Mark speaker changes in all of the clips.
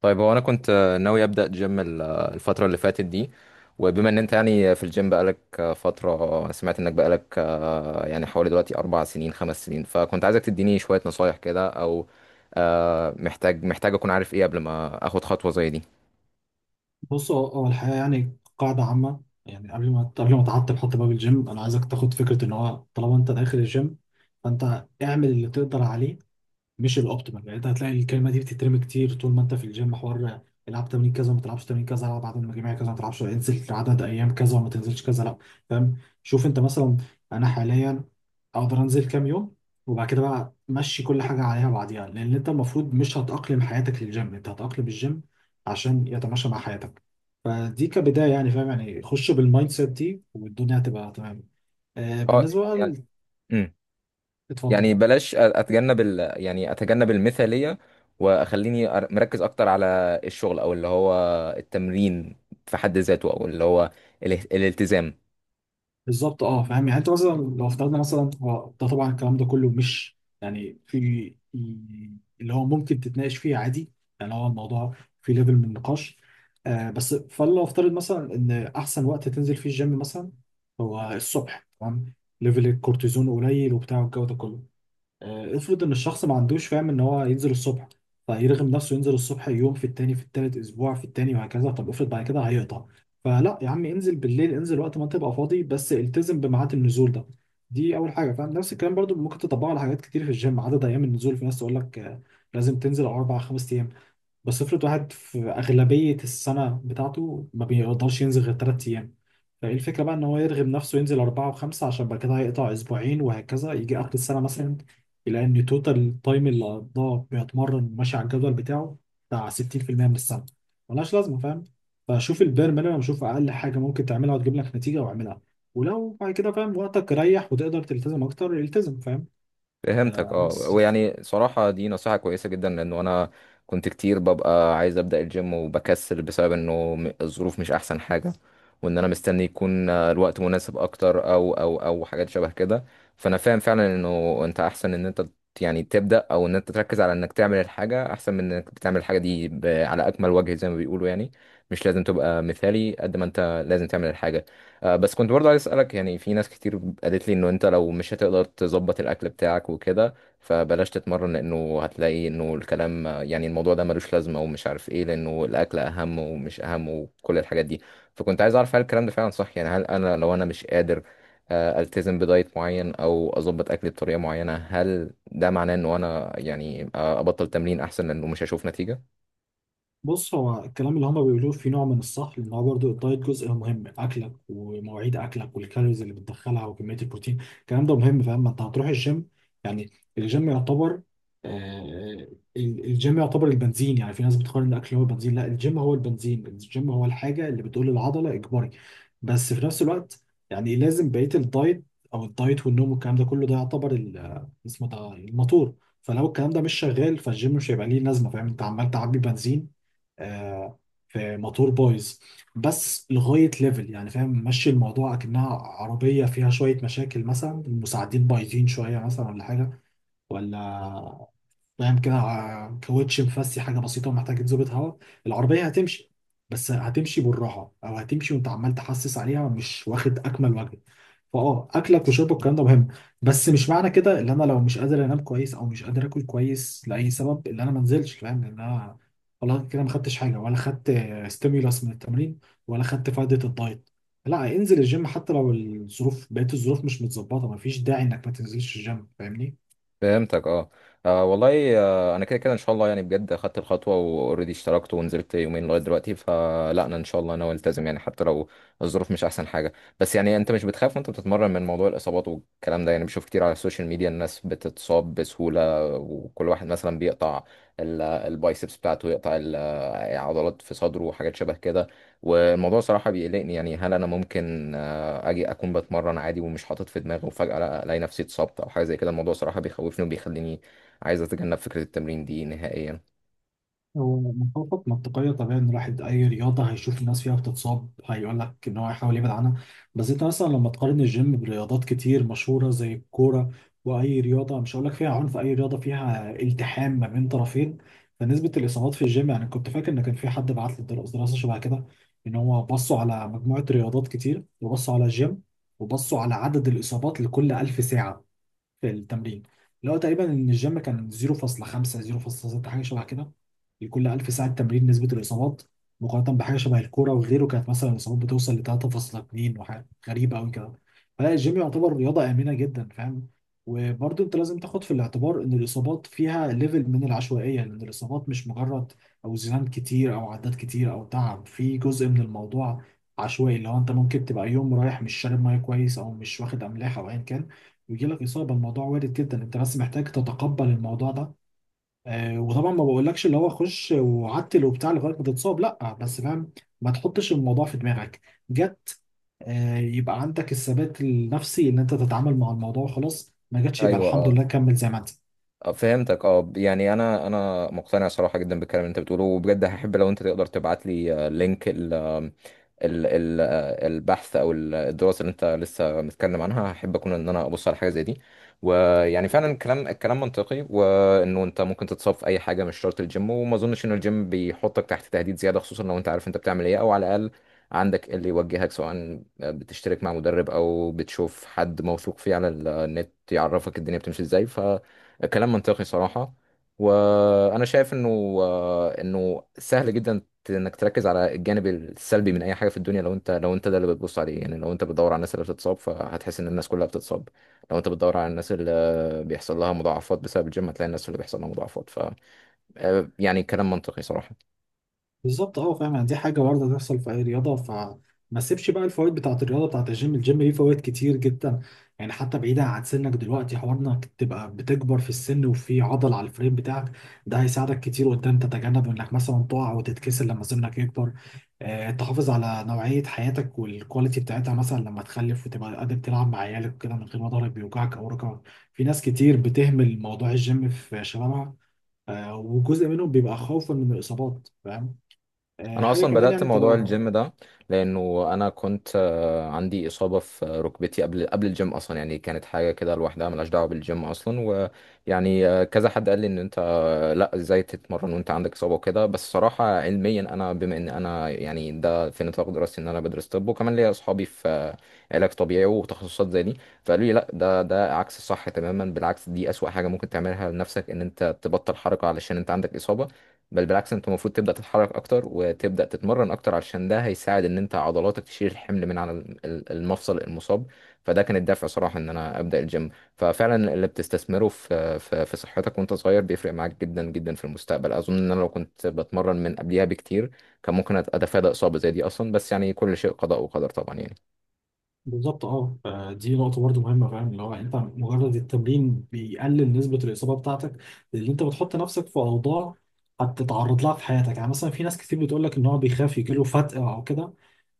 Speaker 1: طيب هو انا كنت، ناوي ابدا جيم الفتره اللي فاتت دي. وبما ان انت يعني في الجيم بقالك فتره، سمعت انك بقالك يعني حوالي دلوقتي 4 سنين 5 سنين، فكنت عايزك تديني شويه نصايح كده، او محتاج، اكون عارف ايه قبل ما اخد خطوه زي دي.
Speaker 2: بص هو الحقيقة يعني قاعدة عامة، يعني قبل ما تعطل حط باب الجيم، أنا عايزك تاخد فكرة إن هو طالما أنت داخل الجيم فأنت اعمل اللي تقدر عليه. مش الاوبتيمال، يعني انت هتلاقي الكلمه دي بتترمي كتير طول ما انت في الجيم. حوار العب تمرين كذا وما تلعبش تمرين كذا، العب عدد مجاميع كذا ما تلعبش، انزل عدد ايام كذا وما تنزلش كذا، لا. فاهم؟ شوف انت مثلا، انا حاليا اقدر انزل كام يوم، وبعد كده بقى مشي كل حاجه عليها بعديها، لان انت المفروض مش هتأقلم حياتك للجيم، انت هتأقلم الجيم عشان يتماشى مع حياتك. فدي كبدايه، يعني فاهم، يعني خش بالمايند سيت دي والدنيا هتبقى تمام. آه
Speaker 1: اه،
Speaker 2: بالنسبه بقى
Speaker 1: يعني، مم.
Speaker 2: اتفضل.
Speaker 1: يعني بلاش، اتجنب، يعني اتجنب المثاليه، واخليني مركز اكتر على الشغل، او اللي هو التمرين في حد ذاته، او اللي هو الالتزام.
Speaker 2: بالظبط اه فاهم، يعني انت مثلا لو افترضنا مثلا، هو ده طبعا الكلام ده كله مش يعني في اللي هو ممكن تتناقش فيه عادي. يعني هو الموضوع في ليفل من النقاش. آه بس فلو افترض مثلا ان احسن وقت تنزل فيه الجيم مثلا هو الصبح، تمام، ليفل الكورتيزون قليل وبتاع والجو ده كله. افرض ان الشخص ما عندوش فاهم ان هو ينزل الصبح، فيرغم نفسه ينزل الصبح يوم في التاني في التالت، اسبوع في التاني وهكذا. طب افرض بعد كده هيقطع، فلا يا عم انزل بالليل، انزل وقت ما تبقى فاضي بس التزم بميعاد النزول ده. دي اول حاجه، فاهم؟ نفس الكلام برضو ممكن تطبقه على حاجات كتير في الجيم. عدد ايام النزول، في ناس تقول لك لازم تنزل اربع خمس ايام، بس افرض واحد في أغلبية السنة بتاعته ما بيقدرش ينزل غير 3 أيام، فإيه الفكرة بقى إن هو يرغم نفسه ينزل 4 و5 عشان بعد كده هيقطع أسبوعين وهكذا؟ يجي آخر السنة مثلا يلاقي إن توتال التايم اللي قضاه بيتمرن ماشي على الجدول بتاعه بتاع 60% من السنة، ملهاش لازمة فاهم. فشوف البير مينيمم، شوف أقل حاجة ممكن تعملها وتجيب لك نتيجة واعملها، ولو بعد كده فاهم وقتك ريح وتقدر تلتزم أكتر التزم، فاهم؟
Speaker 1: فهمتك
Speaker 2: آه
Speaker 1: اه.
Speaker 2: بس.
Speaker 1: ويعني صراحة، دي نصيحة كويسة جدا، لأنه أنا كنت كتير ببقى عايز أبدأ الجيم وبكسل، بسبب إنه الظروف مش أحسن حاجة. وإن أنا مستني يكون الوقت مناسب أكتر، أو حاجات شبه كده. فأنا فاهم فعلا إنه أنت أحسن إن أنت يعني تبدأ، أو إن أنت تركز على إنك تعمل الحاجة أحسن من إنك بتعمل الحاجة دي، على أكمل وجه زي ما بيقولوا يعني. مش لازم تبقى مثالي قد ما أنت لازم تعمل الحاجة. بس كنت برضه عايز اسالك، يعني في ناس كتير قالت لي انه انت لو مش هتقدر تظبط الاكل بتاعك وكده، فبلاش تتمرن، لانه هتلاقي انه الكلام يعني الموضوع ده ملوش لازمه ومش عارف ايه، لانه الاكل اهم ومش اهم وكل الحاجات دي. فكنت عايز اعرف، هل الكلام ده فعلا صح؟ يعني هل انا لو انا مش قادر التزم بدايت معين، او اظبط اكلي بطريقه معينه، هل ده معناه انه انا يعني ابطل تمرين احسن لانه مش هشوف نتيجه؟
Speaker 2: بص هو الكلام اللي هما بيقولوه في نوع من الصح، لان هو برضه الدايت جزء مهم، اكلك ومواعيد اكلك والكالوريز اللي بتدخلها وكميه البروتين، الكلام ده مهم فاهم. ما انت هتروح الجيم يعني، الجيم يعتبر آه، الجيم يعتبر البنزين، يعني في ناس بتقارن الاكل هو البنزين، لا الجيم هو البنزين، الجيم هو الحاجه اللي بتقول للعضله اجباري. بس في نفس الوقت، يعني لازم بقيه الدايت، او الدايت والنوم والكلام ده كله، ده يعتبر ال- اسمه ده الموتور. فلو الكلام ده مش شغال فالجيم مش هيبقى ليه لازمه فاهم. انت عمال تعبي بنزين آه، في موتور بايظ، بس لغايه ليفل يعني فاهم، ماشي الموضوع اكنها عربيه فيها شويه مشاكل، مثلا المساعدين بايظين شويه مثلا، ولا حاجه ولا فاهم كده، كاوتش مفسي حاجه بسيطه ومحتاج تظبط هوا، العربيه هتمشي بس هتمشي بالراحه، او هتمشي وانت عمال تحسس عليها مش واخد اكمل وجه. فاه اكلك وشربك الكلام ده مهم، بس مش معنى كده ان انا لو مش قادر انام كويس او مش قادر اكل كويس لاي سبب ان انا ما انزلش فاهم؟ ان انا والله كده ما خدتش حاجه ولا خدت ستيمولاس من التمرين ولا خدت فائده الدايت، لا انزل الجيم. حتى لو الظروف بقيت، الظروف مش متظبطه، ما فيش داعي انك ما تنزلش الجيم فاهمني.
Speaker 1: فهمتك اه. والله، انا كده كده ان شاء الله، يعني بجد اخدت الخطوه واوريدي اشتركت ونزلت يومين لغايه دلوقتي، فلا انا ان شاء الله انا التزم، يعني حتى لو الظروف مش احسن حاجه. بس يعني انت مش بتخاف وانت بتتمرن من موضوع الاصابات والكلام ده؟ يعني بشوف كتير على السوشيال ميديا الناس بتتصاب بسهوله، وكل واحد مثلا بيقطع البايسبس بتاعته، يقطع عضلات في صدره وحاجات شبه كده. والموضوع صراحه بيقلقني، يعني هل انا ممكن اجي اكون بتمرن عادي ومش حاطط في دماغي، وفجأة لا الاقي نفسي اتصبت او حاجة زي كده؟ الموضوع صراحة بيخوفني وبيخليني عايز اتجنب فكرة التمرين دي نهائيا.
Speaker 2: هو مخاطط منطقية، طبيعي إن الواحد أي رياضة هيشوف الناس فيها بتتصاب هيقول لك إن هو هيحاول يبعد عنها، بس أنت مثلا لما تقارن الجيم برياضات كتير مشهورة زي الكورة، وأي رياضة مش هقول لك فيها عنف، أي رياضة فيها التحام ما بين طرفين، فنسبة الإصابات في الجيم، يعني كنت فاكر إن كان في حد بعت لي دراسة شبه كده، إن هو بصوا على مجموعة رياضات كتير وبصوا على الجيم، وبصوا على عدد الإصابات لكل ألف ساعة في التمرين، اللي هو تقريبا ان الجيم كان 0.5 0.6 حاجه شبه كده لكل 1000 ساعه تمرين نسبه الاصابات، مقارنه بحاجه شبه الكوره وغيره كانت مثلا الاصابات بتوصل ل 3.2 وحاجه غريبه قوي كده. فلا الجيم يعتبر رياضه امنه جدا فاهم. وبرضه انت لازم تاخد في الاعتبار ان الاصابات فيها ليفل من العشوائيه، لان الاصابات مش مجرد اوزان كتير او عدات كتير او تعب، في جزء من الموضوع عشوائي، اللي هو انت ممكن تبقى يوم رايح مش شارب ميه كويس او مش واخد املاح او ايا كان ويجي لك اصابه، الموضوع وارد جدا، انت بس محتاج تتقبل الموضوع ده. آه وطبعا ما بقولكش اللي هو خش وعتل وبتاع لغايه ما تتصاب، لا، بس فاهم ما تحطش الموضوع في دماغك. جت آه يبقى عندك الثبات النفسي ان انت تتعامل مع الموضوع خلاص، ما جاتش يبقى
Speaker 1: ايوه
Speaker 2: الحمد
Speaker 1: اه.
Speaker 2: لله كمل زي ما انت.
Speaker 1: فهمتك اه، يعني انا مقتنع صراحه جدا بالكلام اللي انت بتقوله، وبجد هحب لو انت تقدر تبعت لي لينك ال ال آه، البحث الدراسه اللي انت لسه متكلم عنها، هحب اكون ان انا ابص على حاجه زي دي. ويعني فعلا الكلام منطقي، وانه انت ممكن تتصاب في اي حاجه، مش شرط الجيم، وما اظنش ان الجيم بيحطك تحت تهديد زياده، خصوصا لو انت عارف انت بتعمل ايه، او على الاقل عندك اللي يوجهك، سواء بتشترك مع مدرب او بتشوف حد موثوق فيه على النت يعرفك الدنيا بتمشي ازاي. كلام منطقي صراحة. وأنا شايف إنه إنه سهل جدا إنك تركز على الجانب السلبي من أي حاجة في الدنيا، لو أنت ده اللي بتبص عليه. يعني لو أنت بتدور على الناس اللي بتتصاب، فهتحس إن الناس كلها بتتصاب. لو أنت بتدور على الناس اللي بيحصل لها مضاعفات بسبب الجيم، هتلاقي الناس اللي بيحصل لها مضاعفات. ف آه، يعني كلام منطقي صراحة.
Speaker 2: بالظبط اه فاهم، يعني دي حاجه وارده تحصل في اي رياضه، فما تسيبش بقى الفوائد بتاعه الرياضه بتاعه الجيم، الجيم ليه فوائد كتير جدا، يعني حتى بعيدا عن سنك دلوقتي، حوار انك تبقى بتكبر في السن وفي عضل على الفريم بتاعك، ده هيساعدك كتير قدام تتجنب انك مثلا تقع وتتكسر لما سنك يكبر. تحافظ على نوعيه حياتك والكواليتي بتاعتها، مثلا لما تخلف وتبقى قادر تلعب مع عيالك وكده من غير ما ضهرك بيوجعك او ركبك. في ناس كتير بتهمل موضوع الجيم في شبابها، وجزء منهم بيبقى خوفا من الاصابات فاهم.
Speaker 1: أنا
Speaker 2: حاجه
Speaker 1: أصلا
Speaker 2: كمان
Speaker 1: بدأت
Speaker 2: يعني انت
Speaker 1: موضوع الجيم ده، لأنه أنا كنت عندي إصابة في ركبتي، قبل الجيم أصلا، يعني كانت حاجة كده لوحدها ملهاش دعوة بالجيم أصلا. ويعني كذا حد قال لي ان انت آه لا، ازاي تتمرن وانت عندك اصابه وكده. بس صراحه علميا، انا بما ان انا يعني ده في نطاق دراستي، ان انا بدرس طب، وكمان ليا اصحابي في علاج طبيعي وتخصصات زي دي، فقالوا لي لا، ده عكس الصح تماما. بالعكس، دي اسوأ حاجه ممكن تعملها لنفسك، ان انت تبطل حركه علشان انت عندك اصابه. بل بالعكس، انت المفروض تبدا تتحرك اكتر، وتبدا تتمرن اكتر، علشان ده هيساعد ان انت عضلاتك تشيل الحمل من على المفصل المصاب. فده كان الدافع صراحه ان انا ابدا الجيم. ففعلا اللي بتستثمره في صحتك وانت صغير، بيفرق معاك جدا جدا في المستقبل. اظن ان انا لو كنت بتمرن من قبليها بكتير، كان ممكن اتفادى اصابة زي دي اصلا، بس يعني كل شيء قضاء وقدر طبعا يعني.
Speaker 2: بالظبط اه فدي نقطه برضو مهمه فاهم، اللي هو انت مجرد التمرين بيقلل نسبه الاصابه بتاعتك، لان انت بتحط نفسك في اوضاع هتتعرض لها في حياتك، يعني مثلا في ناس كتير بتقول لك ان هو بيخاف يجيله فتق او كده،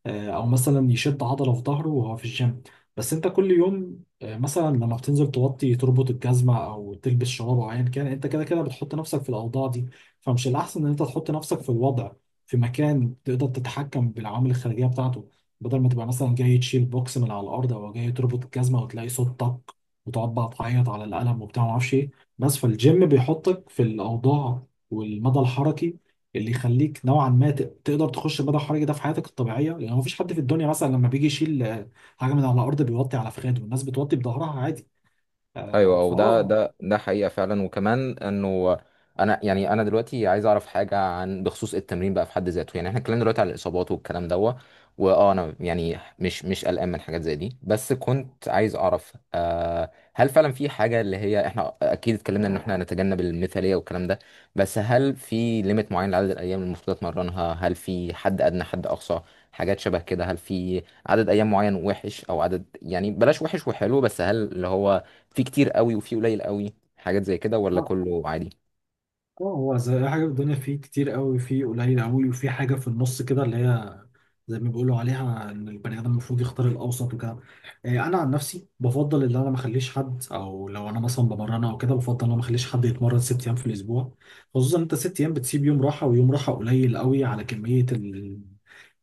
Speaker 2: او مثلا يشد عضله في ظهره وهو في الجيم، بس انت كل يوم مثلا لما بتنزل توطي تربط الجزمه او تلبس شراب او ايا كان، انت كده كده بتحط نفسك في الاوضاع دي. فمش الاحسن ان انت تحط نفسك في الوضع، في مكان تقدر تتحكم بالعوامل الخارجيه بتاعته، بدل ما تبقى مثلا جاي تشيل بوكس من على الارض او جاي تربط الجزمه وتلاقي صوت طق وتقعد بقى تعيط على القلم وبتاع ما اعرفش ايه. بس فالجيم بيحطك في الاوضاع والمدى الحركي اللي يخليك نوعا ما تقدر تخش البدء الحرجي ده في حياتك الطبيعيه، لان مفيش حد في الدنيا مثلا لما بيجي يشيل حاجه من على الارض بيوطي على فخاده، والناس بتوطي بظهرها عادي.
Speaker 1: ايوه،
Speaker 2: آه،
Speaker 1: ده
Speaker 2: فاه
Speaker 1: ده ده حقيقه فعلا. وكمان انه انا يعني انا دلوقتي عايز اعرف حاجه بخصوص التمرين بقى في حد ذاته. يعني احنا اتكلمنا دلوقتي على الاصابات والكلام دوت، واه انا يعني مش قلقان من حاجات زي دي، بس كنت عايز اعرف هل فعلا في حاجه، اللي هي احنا اكيد اتكلمنا ان احنا نتجنب المثاليه والكلام ده، بس هل في ليميت معين لعدد الايام اللي المفروض اتمرنها؟ هل في حد ادنى حد اقصى، حاجات شبه كده؟ هل في عدد ايام معين وحش او عدد، يعني بلاش وحش وحلو، بس هل اللي هو في كتير قوي وفي قليل قوي، حاجات زي كده، ولا
Speaker 2: آه.
Speaker 1: كله عادي؟
Speaker 2: اه هو زي اي حاجه في الدنيا، فيه كتير قوي فيه قليل قوي وفي حاجه في النص كده، اللي هي زي ما بيقولوا عليها ان البني ادم المفروض يختار الاوسط وكده. انا عن نفسي بفضل ان انا ما اخليش حد، او لو انا مثلا بمرن او كده بفضل ان انا ما اخليش حد يتمرن 6 أيام في الاسبوع، خصوصا انت 6 أيام بتسيب يوم راحه، ويوم راحه قليل قوي على كميه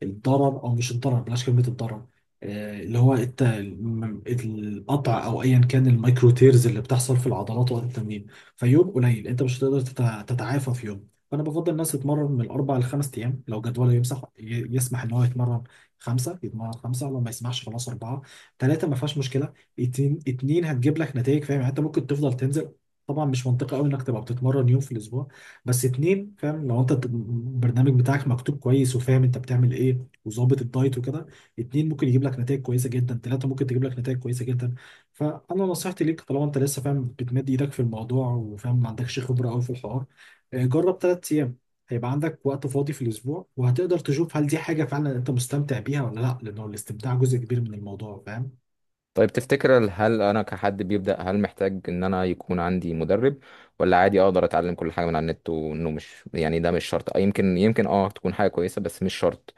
Speaker 2: الضرر، او مش الضرر بلاش كلمه الضرر، اللي هو القطع او ايا كان، الميكرو تيرز اللي بتحصل في العضلات وقت التمرين. فيوم قليل انت مش هتقدر تتعافى في يوم، فانا بفضل الناس تتمرن من الاربع لخمس ايام، لو جدوله يمسح يسمح ان هو يتمرن خمسه يتمرن خمسه، لو ما يسمحش خلاص اربعه، ثلاثه ما فيهاش مشكله، اتنين اتنين هتجيب لك نتائج فاهم. يعني انت ممكن تفضل تنزل، طبعا مش منطقي قوي انك تبقى بتتمرن يوم في الاسبوع، بس اتنين فاهم، لو انت البرنامج بتاعك مكتوب كويس وفاهم انت بتعمل ايه وظابط الدايت وكده، اتنين ممكن يجيب لك نتائج كويسه جدا، ثلاثه ممكن تجيب لك نتائج كويسه جدا. فانا نصيحتي ليك طالما انت لسه فاهم بتمد ايدك في الموضوع وفاهم ما عندكش خبره قوي في الحوار، جرب 3 أيام، هيبقى عندك وقت فاضي في الاسبوع وهتقدر تشوف هل دي حاجه فعلا انت مستمتع بيها ولا لا، لانه الاستمتاع جزء كبير من الموضوع فاهم.
Speaker 1: طيب تفتكر، هل انا كحد بيبدأ، هل محتاج ان انا يكون عندي مدرب، ولا عادي اقدر اتعلم كل حاجة من على النت؟ وانه مش يعني ده مش شرط، يمكن اه تكون حاجة كويسة بس مش شرط.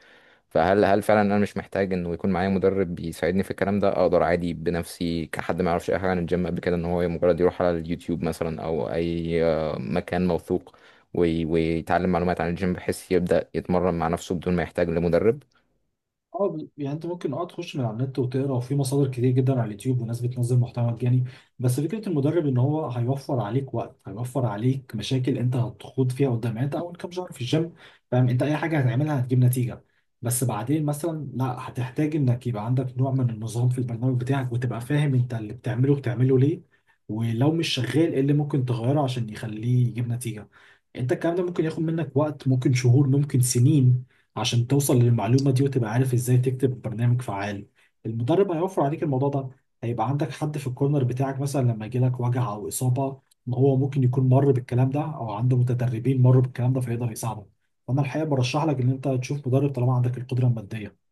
Speaker 1: فهل، هل فعلا انا مش محتاج انه يكون معايا مدرب بيساعدني في الكلام ده؟ اقدر عادي بنفسي كحد ما يعرفش اي حاجة عن الجيم قبل كده، ان هو مجرد يروح على اليوتيوب مثلا او اي مكان موثوق، ويتعلم معلومات عن الجيم بحيث يبدأ يتمرن مع نفسه بدون ما يحتاج لمدرب؟
Speaker 2: اه يعني انت ممكن اه تخش من على النت وتقرا، وفي مصادر كتير جدا على اليوتيوب وناس بتنزل محتوى مجاني، بس فكره المدرب ان هو هيوفر عليك وقت، هيوفر عليك مشاكل انت هتخوض فيها قدام. يعني انت اول كام شهر في الجيم فاهم انت اي حاجه هتعملها هتجيب نتيجه، بس بعدين مثلا لا، هتحتاج انك يبقى عندك نوع من النظام في البرنامج بتاعك، وتبقى فاهم انت اللي بتعمله بتعمله ليه، ولو مش شغال ايه اللي ممكن تغيره عشان يخليه يجيب نتيجه. انت الكلام ده ممكن ياخد منك وقت، ممكن شهور ممكن سنين عشان توصل للمعلومة دي وتبقى عارف ازاي تكتب برنامج فعال. المدرب هيوفر عليك الموضوع ده، هيبقى عندك حد في الكورنر بتاعك، مثلا لما يجيلك وجع او اصابة، ما هو ممكن يكون مر بالكلام ده او عنده متدربين مروا بالكلام ده فيقدر يساعدك. فانا الحقيقة برشح لك ان انت تشوف مدرب طالما عندك القدرة المادية.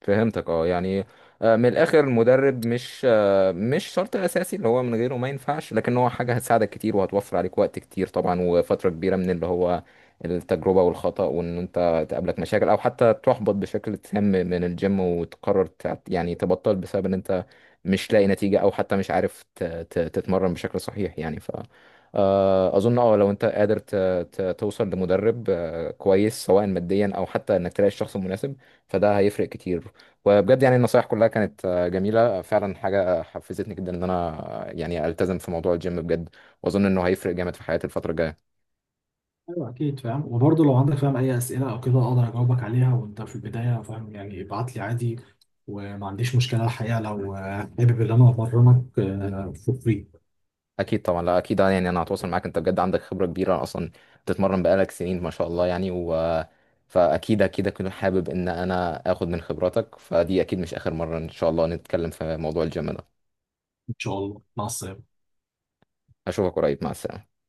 Speaker 1: فهمتك اه، يعني من الاخر، المدرب مش شرط اساسي اللي هو من غيره ما ينفعش، لكن هو حاجه هتساعدك كتير، وهتوفر عليك وقت كتير طبعا، وفتره كبيره من اللي هو التجربه والخطأ، وان انت تقابلك مشاكل او حتى تحبط بشكل تام من الجيم، وتقرر يعني تبطل بسبب ان انت مش لاقي نتيجه، او حتى مش عارف تتمرن بشكل صحيح يعني. ف آه، اظن اه لو انت قادر توصل لمدرب كويس سواء ماديا او حتى انك تلاقي الشخص المناسب، فده هيفرق كتير. وبجد يعني النصايح كلها كانت جميلة فعلا، حاجة حفزتني جدا ان انا يعني التزم في موضوع الجيم بجد، واظن انه هيفرق جامد في حياتي الفترة الجاية.
Speaker 2: ايوه اكيد فاهم، وبرضه لو عندك فاهم اي اسئلة او كده اقدر اجاوبك عليها وانت في البداية فاهم، يعني ابعت لي عادي وما عنديش مشكلة الحقيقة، لو حابب ان انا ابرمك فور فري.
Speaker 1: اكيد طبعا، لا اكيد، يعني انا هتواصل معاك، انت بجد عندك خبرة كبيرة اصلا، بتتمرن بقالك سنين ما شاء الله يعني، فاكيد اكيد اكون حابب ان انا اخد من خبراتك. فدي اكيد مش اخر مرة ان شاء الله نتكلم في موضوع الجيم ده.
Speaker 2: ان شاء الله، مع السلامة.
Speaker 1: اشوفك قريب، مع السلامة.